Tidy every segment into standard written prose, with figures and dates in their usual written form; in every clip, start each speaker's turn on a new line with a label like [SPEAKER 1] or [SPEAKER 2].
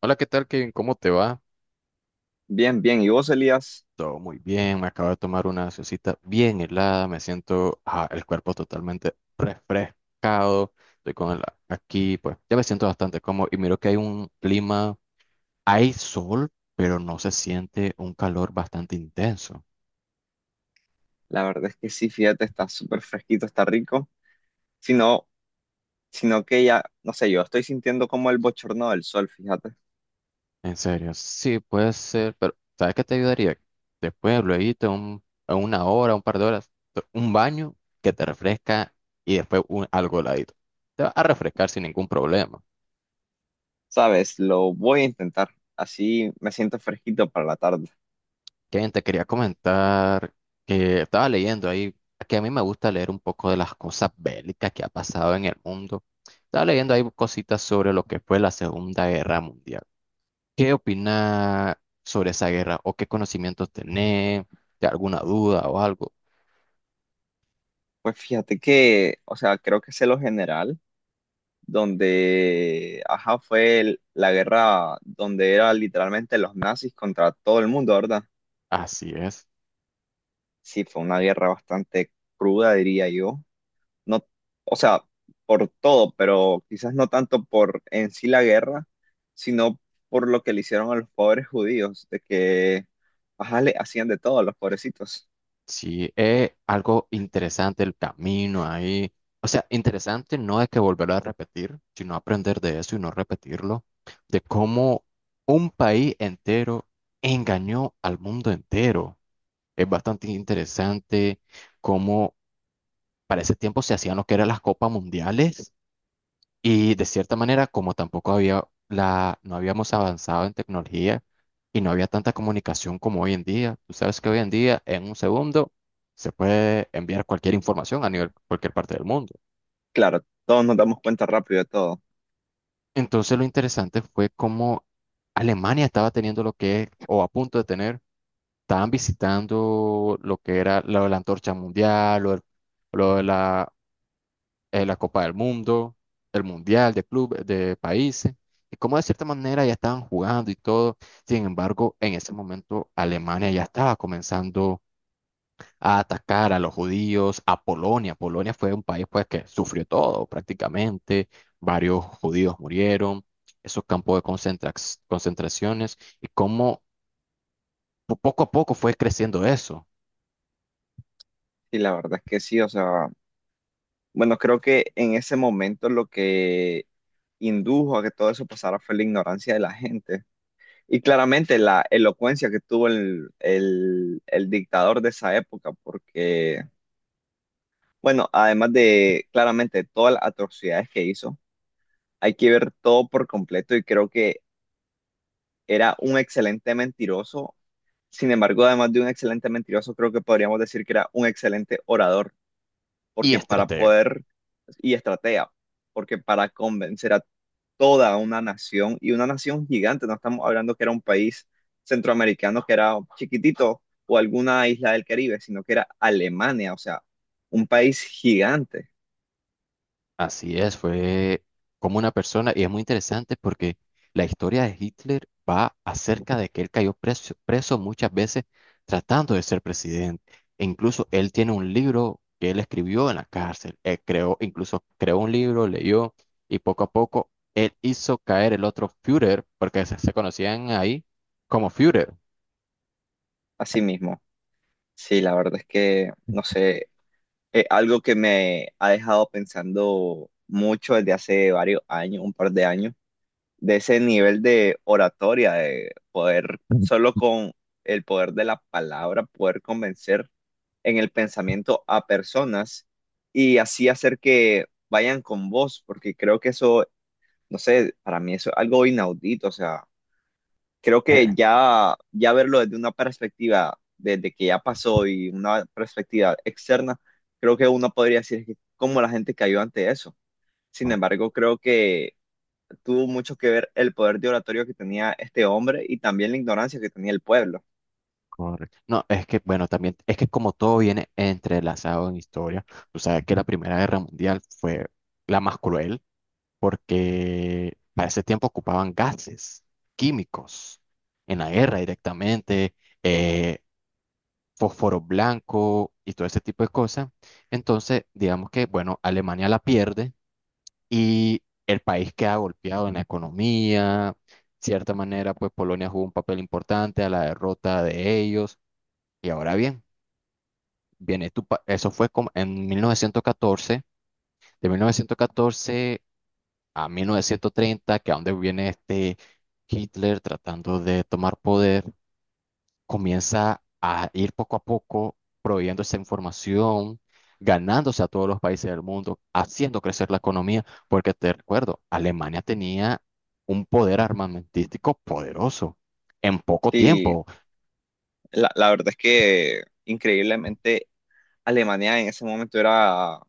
[SPEAKER 1] Hola, ¿qué tal, Kevin? ¿Cómo te va?
[SPEAKER 2] Bien, bien. ¿Y vos, Elías?
[SPEAKER 1] Todo muy bien, me acabo de tomar una cita bien helada, me siento el cuerpo totalmente refrescado, estoy con el, aquí, pues ya me siento bastante cómodo y miro que hay un clima, hay sol, pero no se siente un calor bastante intenso.
[SPEAKER 2] La verdad es que sí, fíjate, está súper fresquito, está rico. Sino, sino que ya, no sé, yo estoy sintiendo como el bochorno del sol, fíjate.
[SPEAKER 1] En serio, sí, puede ser, pero ¿sabes qué te ayudaría? Después, luego, a una hora, un par de horas, un baño que te refresca y después algo heladito. Te va a refrescar sin ningún problema.
[SPEAKER 2] Sabes, lo voy a intentar. Así me siento fresquito para la tarde.
[SPEAKER 1] Kevin, te quería comentar que estaba leyendo ahí, que a mí me gusta leer un poco de las cosas bélicas que ha pasado en el mundo. Estaba leyendo ahí cositas sobre lo que fue la Segunda Guerra Mundial. ¿Qué opina sobre esa guerra o qué conocimientos tenés? ¿De alguna duda o algo?
[SPEAKER 2] Pues fíjate que, o sea, creo que sé lo general, donde, ajá, fue la guerra donde era literalmente los nazis contra todo el mundo, ¿verdad?
[SPEAKER 1] Así es.
[SPEAKER 2] Sí, fue una guerra bastante cruda, diría yo. No, o sea, por todo, pero quizás no tanto por en sí la guerra, sino por lo que le hicieron a los pobres judíos, de que, ajá, le hacían de todo a los pobrecitos.
[SPEAKER 1] Sí, es algo interesante el camino ahí. O sea, interesante no es que volverlo a repetir, sino aprender de eso y no repetirlo, de cómo un país entero engañó al mundo entero. Es bastante interesante cómo para ese tiempo se hacían lo que eran las copas mundiales y de cierta manera, como tampoco había no habíamos avanzado en tecnología y no había tanta comunicación como hoy en día. Tú sabes que hoy en día, en un segundo, se puede enviar cualquier información a nivel cualquier parte del mundo.
[SPEAKER 2] Claro, todos nos damos cuenta rápido de todo.
[SPEAKER 1] Entonces, lo interesante fue cómo Alemania estaba teniendo lo que es, o a punto de tener, estaban visitando lo que era lo de la antorcha mundial, lo, del- lo de la la Copa del Mundo, el Mundial de clubes, de países, y como de cierta manera ya estaban jugando y todo. Sin embargo, en ese momento Alemania ya estaba comenzando a atacar a los judíos, a Polonia. Polonia fue un país pues que sufrió todo prácticamente, varios judíos murieron, esos campos de concentraciones, y cómo poco a poco fue creciendo eso.
[SPEAKER 2] Y la verdad es que sí, o sea, bueno, creo que en ese momento lo que indujo a que todo eso pasara fue la ignorancia de la gente. Y claramente la elocuencia que tuvo el dictador de esa época, porque bueno, además de claramente todas las atrocidades que hizo, hay que ver todo por completo y creo que era un excelente mentiroso. Sin embargo, además de un excelente mentiroso, creo que podríamos decir que era un excelente orador,
[SPEAKER 1] Y
[SPEAKER 2] porque para
[SPEAKER 1] estrategas.
[SPEAKER 2] poder y estratega, porque para convencer a toda una nación y una nación gigante, no estamos hablando que era un país centroamericano que era chiquitito o alguna isla del Caribe, sino que era Alemania, o sea, un país gigante,
[SPEAKER 1] Así es, fue como una persona, y es muy interesante porque la historia de Hitler va acerca de que él cayó preso, preso muchas veces tratando de ser presidente. E incluso él tiene un libro que él escribió en la cárcel. Él creó, incluso creó un libro, leyó, y poco a poco él hizo caer el otro Führer, porque se conocían ahí como Führer.
[SPEAKER 2] así mismo. Sí, la verdad es que, no sé, algo que me ha dejado pensando mucho desde hace varios años, un par de años, de ese nivel de oratoria, de poder, solo con el poder de la palabra, poder convencer en el pensamiento a personas y así hacer que vayan con vos, porque creo que eso, no sé, para mí eso es algo inaudito, o sea creo que ya, ya verlo desde una perspectiva, desde que ya pasó y una perspectiva externa, creo que uno podría decir que cómo la gente cayó ante eso. Sin
[SPEAKER 1] Eh,
[SPEAKER 2] embargo, creo que tuvo mucho que ver el poder de oratorio que tenía este hombre y también la ignorancia que tenía el pueblo.
[SPEAKER 1] Correcto. No, es que, bueno, también, es que como todo viene entrelazado en historia, tú sabes que la Primera Guerra Mundial fue la más cruel porque para ese tiempo ocupaban gases químicos en la guerra directamente, eh, fósforo blanco y todo ese tipo de cosas. Entonces, digamos que, bueno, Alemania la pierde y el país queda golpeado en la economía. Cierta manera, pues Polonia jugó un papel importante a la derrota de ellos. Y ahora bien. Bien, eso fue como en 1914, de 1914 a 1930, que a donde viene este Hitler tratando de tomar poder, comienza a ir poco a poco prohibiendo esa información, ganándose a todos los países del mundo, haciendo crecer la economía, porque te recuerdo, Alemania tenía un poder armamentístico poderoso en poco
[SPEAKER 2] Sí,
[SPEAKER 1] tiempo.
[SPEAKER 2] la verdad es que increíblemente Alemania en ese momento era,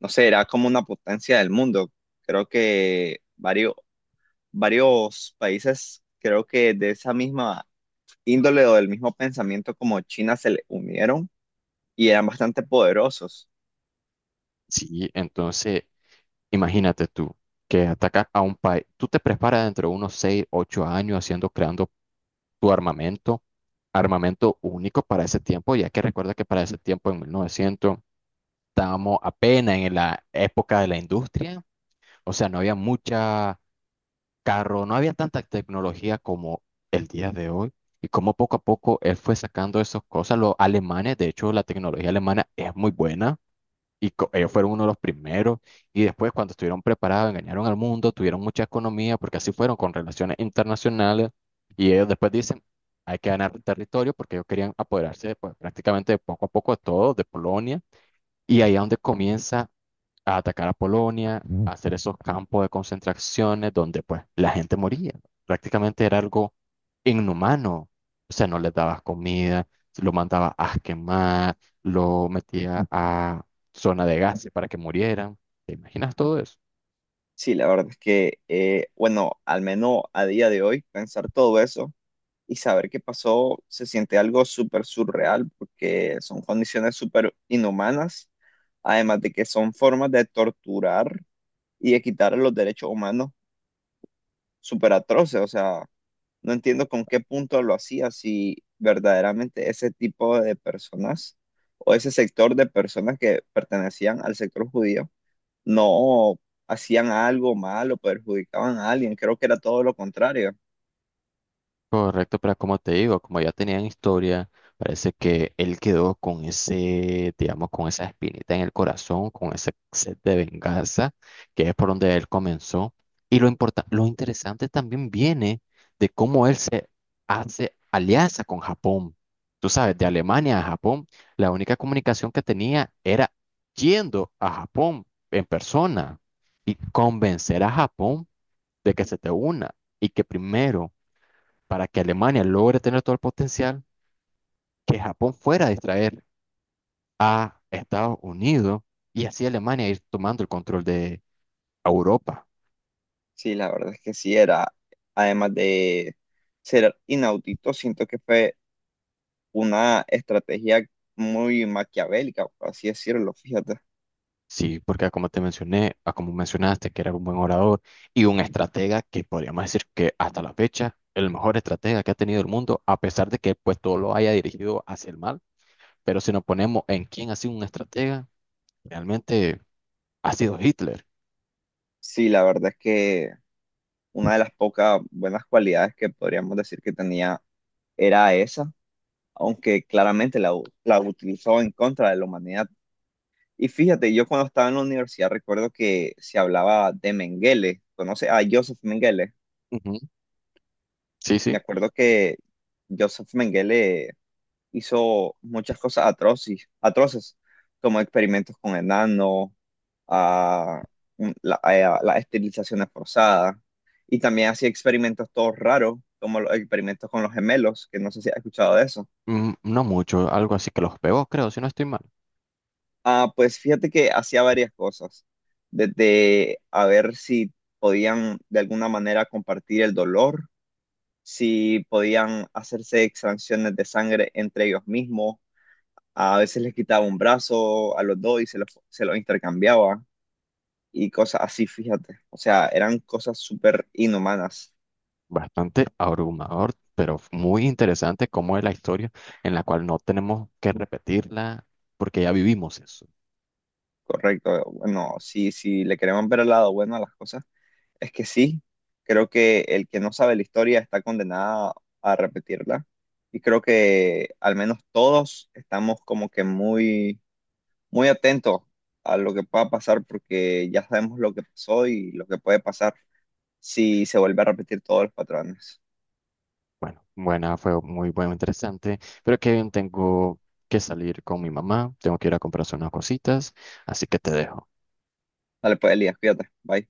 [SPEAKER 2] no sé, era como una potencia del mundo. Creo que varios países, creo que de esa misma índole o del mismo pensamiento como China se le unieron y eran bastante poderosos.
[SPEAKER 1] Sí, entonces, imagínate tú que atacas a un país, tú te preparas dentro de unos 6 8 años haciendo, creando tu armamento, armamento único para ese tiempo, ya que recuerda que para ese tiempo, en 1900 estábamos apenas en la época de la industria, o sea, no había mucha carro, no había tanta tecnología como el día de hoy, y como poco a poco él fue sacando esas cosas, los alemanes, de hecho, la tecnología alemana es muy buena, y ellos fueron uno de los primeros. Y después, cuando estuvieron preparados, engañaron al mundo, tuvieron mucha economía, porque así fueron con relaciones internacionales. Y ellos después dicen, hay que ganar territorio, porque ellos querían apoderarse pues, prácticamente de poco a poco de todo, de Polonia. Y ahí es donde comienza a atacar a Polonia, a hacer esos campos de concentraciones donde pues la gente moría. Prácticamente era algo inhumano. O sea, no les dabas comida, lo mandabas a quemar, lo metías a zona de gases para que murieran. ¿Te imaginas todo eso?
[SPEAKER 2] Sí, la verdad es que, bueno, al menos a día de hoy, pensar todo eso y saber qué pasó se siente algo súper surreal porque son condiciones súper inhumanas, además de que son formas de torturar y de quitar los derechos humanos súper atroces. O sea, no entiendo con qué punto lo hacía, si verdaderamente ese tipo de personas o ese sector de personas que pertenecían al sector judío no hacían algo malo, perjudicaban a alguien. Creo que era todo lo contrario.
[SPEAKER 1] Correcto, pero como te digo, como ya tenían historia, parece que él quedó con ese, digamos, con esa espinita en el corazón, con ese sed de venganza, que es por donde él comenzó. Y lo interesante también viene de cómo él se hace alianza con Japón. Tú sabes, de Alemania a Japón, la única comunicación que tenía era yendo a Japón en persona y convencer a Japón de que se te una y que primero para que Alemania logre tener todo el potencial, que Japón fuera a distraer a Estados Unidos y así Alemania ir tomando el control de Europa.
[SPEAKER 2] Sí, la verdad es que sí era, además de ser inaudito, siento que fue una estrategia muy maquiavélica, por así decirlo, fíjate.
[SPEAKER 1] Sí, porque como te mencioné, a como mencionaste, que era un buen orador y un estratega que podríamos decir que hasta la fecha, el mejor estratega que ha tenido el mundo, a pesar de que pues todo lo haya dirigido hacia el mal. Pero si nos ponemos en quién ha sido un estratega, realmente ha sido Hitler.
[SPEAKER 2] Sí, la verdad es que una de las pocas buenas cualidades que podríamos decir que tenía era esa, aunque claramente la utilizó en contra de la humanidad. Y fíjate, yo cuando estaba en la universidad recuerdo que se hablaba de Mengele, conoce a Joseph Mengele.
[SPEAKER 1] Ujú, sí,
[SPEAKER 2] Me
[SPEAKER 1] sí.
[SPEAKER 2] acuerdo que Joseph Mengele hizo muchas cosas atroces, atroces, como experimentos con enanos, a a las esterilizaciones forzadas y también hacía experimentos todos raros, como los experimentos con los gemelos, que no sé si has escuchado de eso.
[SPEAKER 1] Mm, no mucho, algo así que los pegó, creo, si no estoy mal.
[SPEAKER 2] Ah, pues fíjate que hacía varias cosas, desde a ver si podían de alguna manera compartir el dolor, si podían hacerse extracciones de sangre entre ellos mismos, a veces les quitaba un brazo a los dos y se los intercambiaba y cosas así, fíjate. O sea, eran cosas súper inhumanas,
[SPEAKER 1] Bastante abrumador, pero muy interesante cómo es la historia en la cual no tenemos que repetirla porque ya vivimos eso.
[SPEAKER 2] correcto. Bueno, si, si le queremos ver el lado bueno a las cosas, es que sí, creo que el que no sabe la historia está condenado a repetirla. Y creo que al menos todos estamos como que muy, muy atentos a lo que pueda pasar porque ya sabemos lo que pasó y lo que puede pasar si se vuelve a repetir todos los patrones.
[SPEAKER 1] Bueno, buena, fue muy bueno, interesante, pero Kevin, tengo que salir con mi mamá, tengo que ir a comprarse unas cositas, así que te dejo.
[SPEAKER 2] Dale, pues, Elías, cuídate. Bye.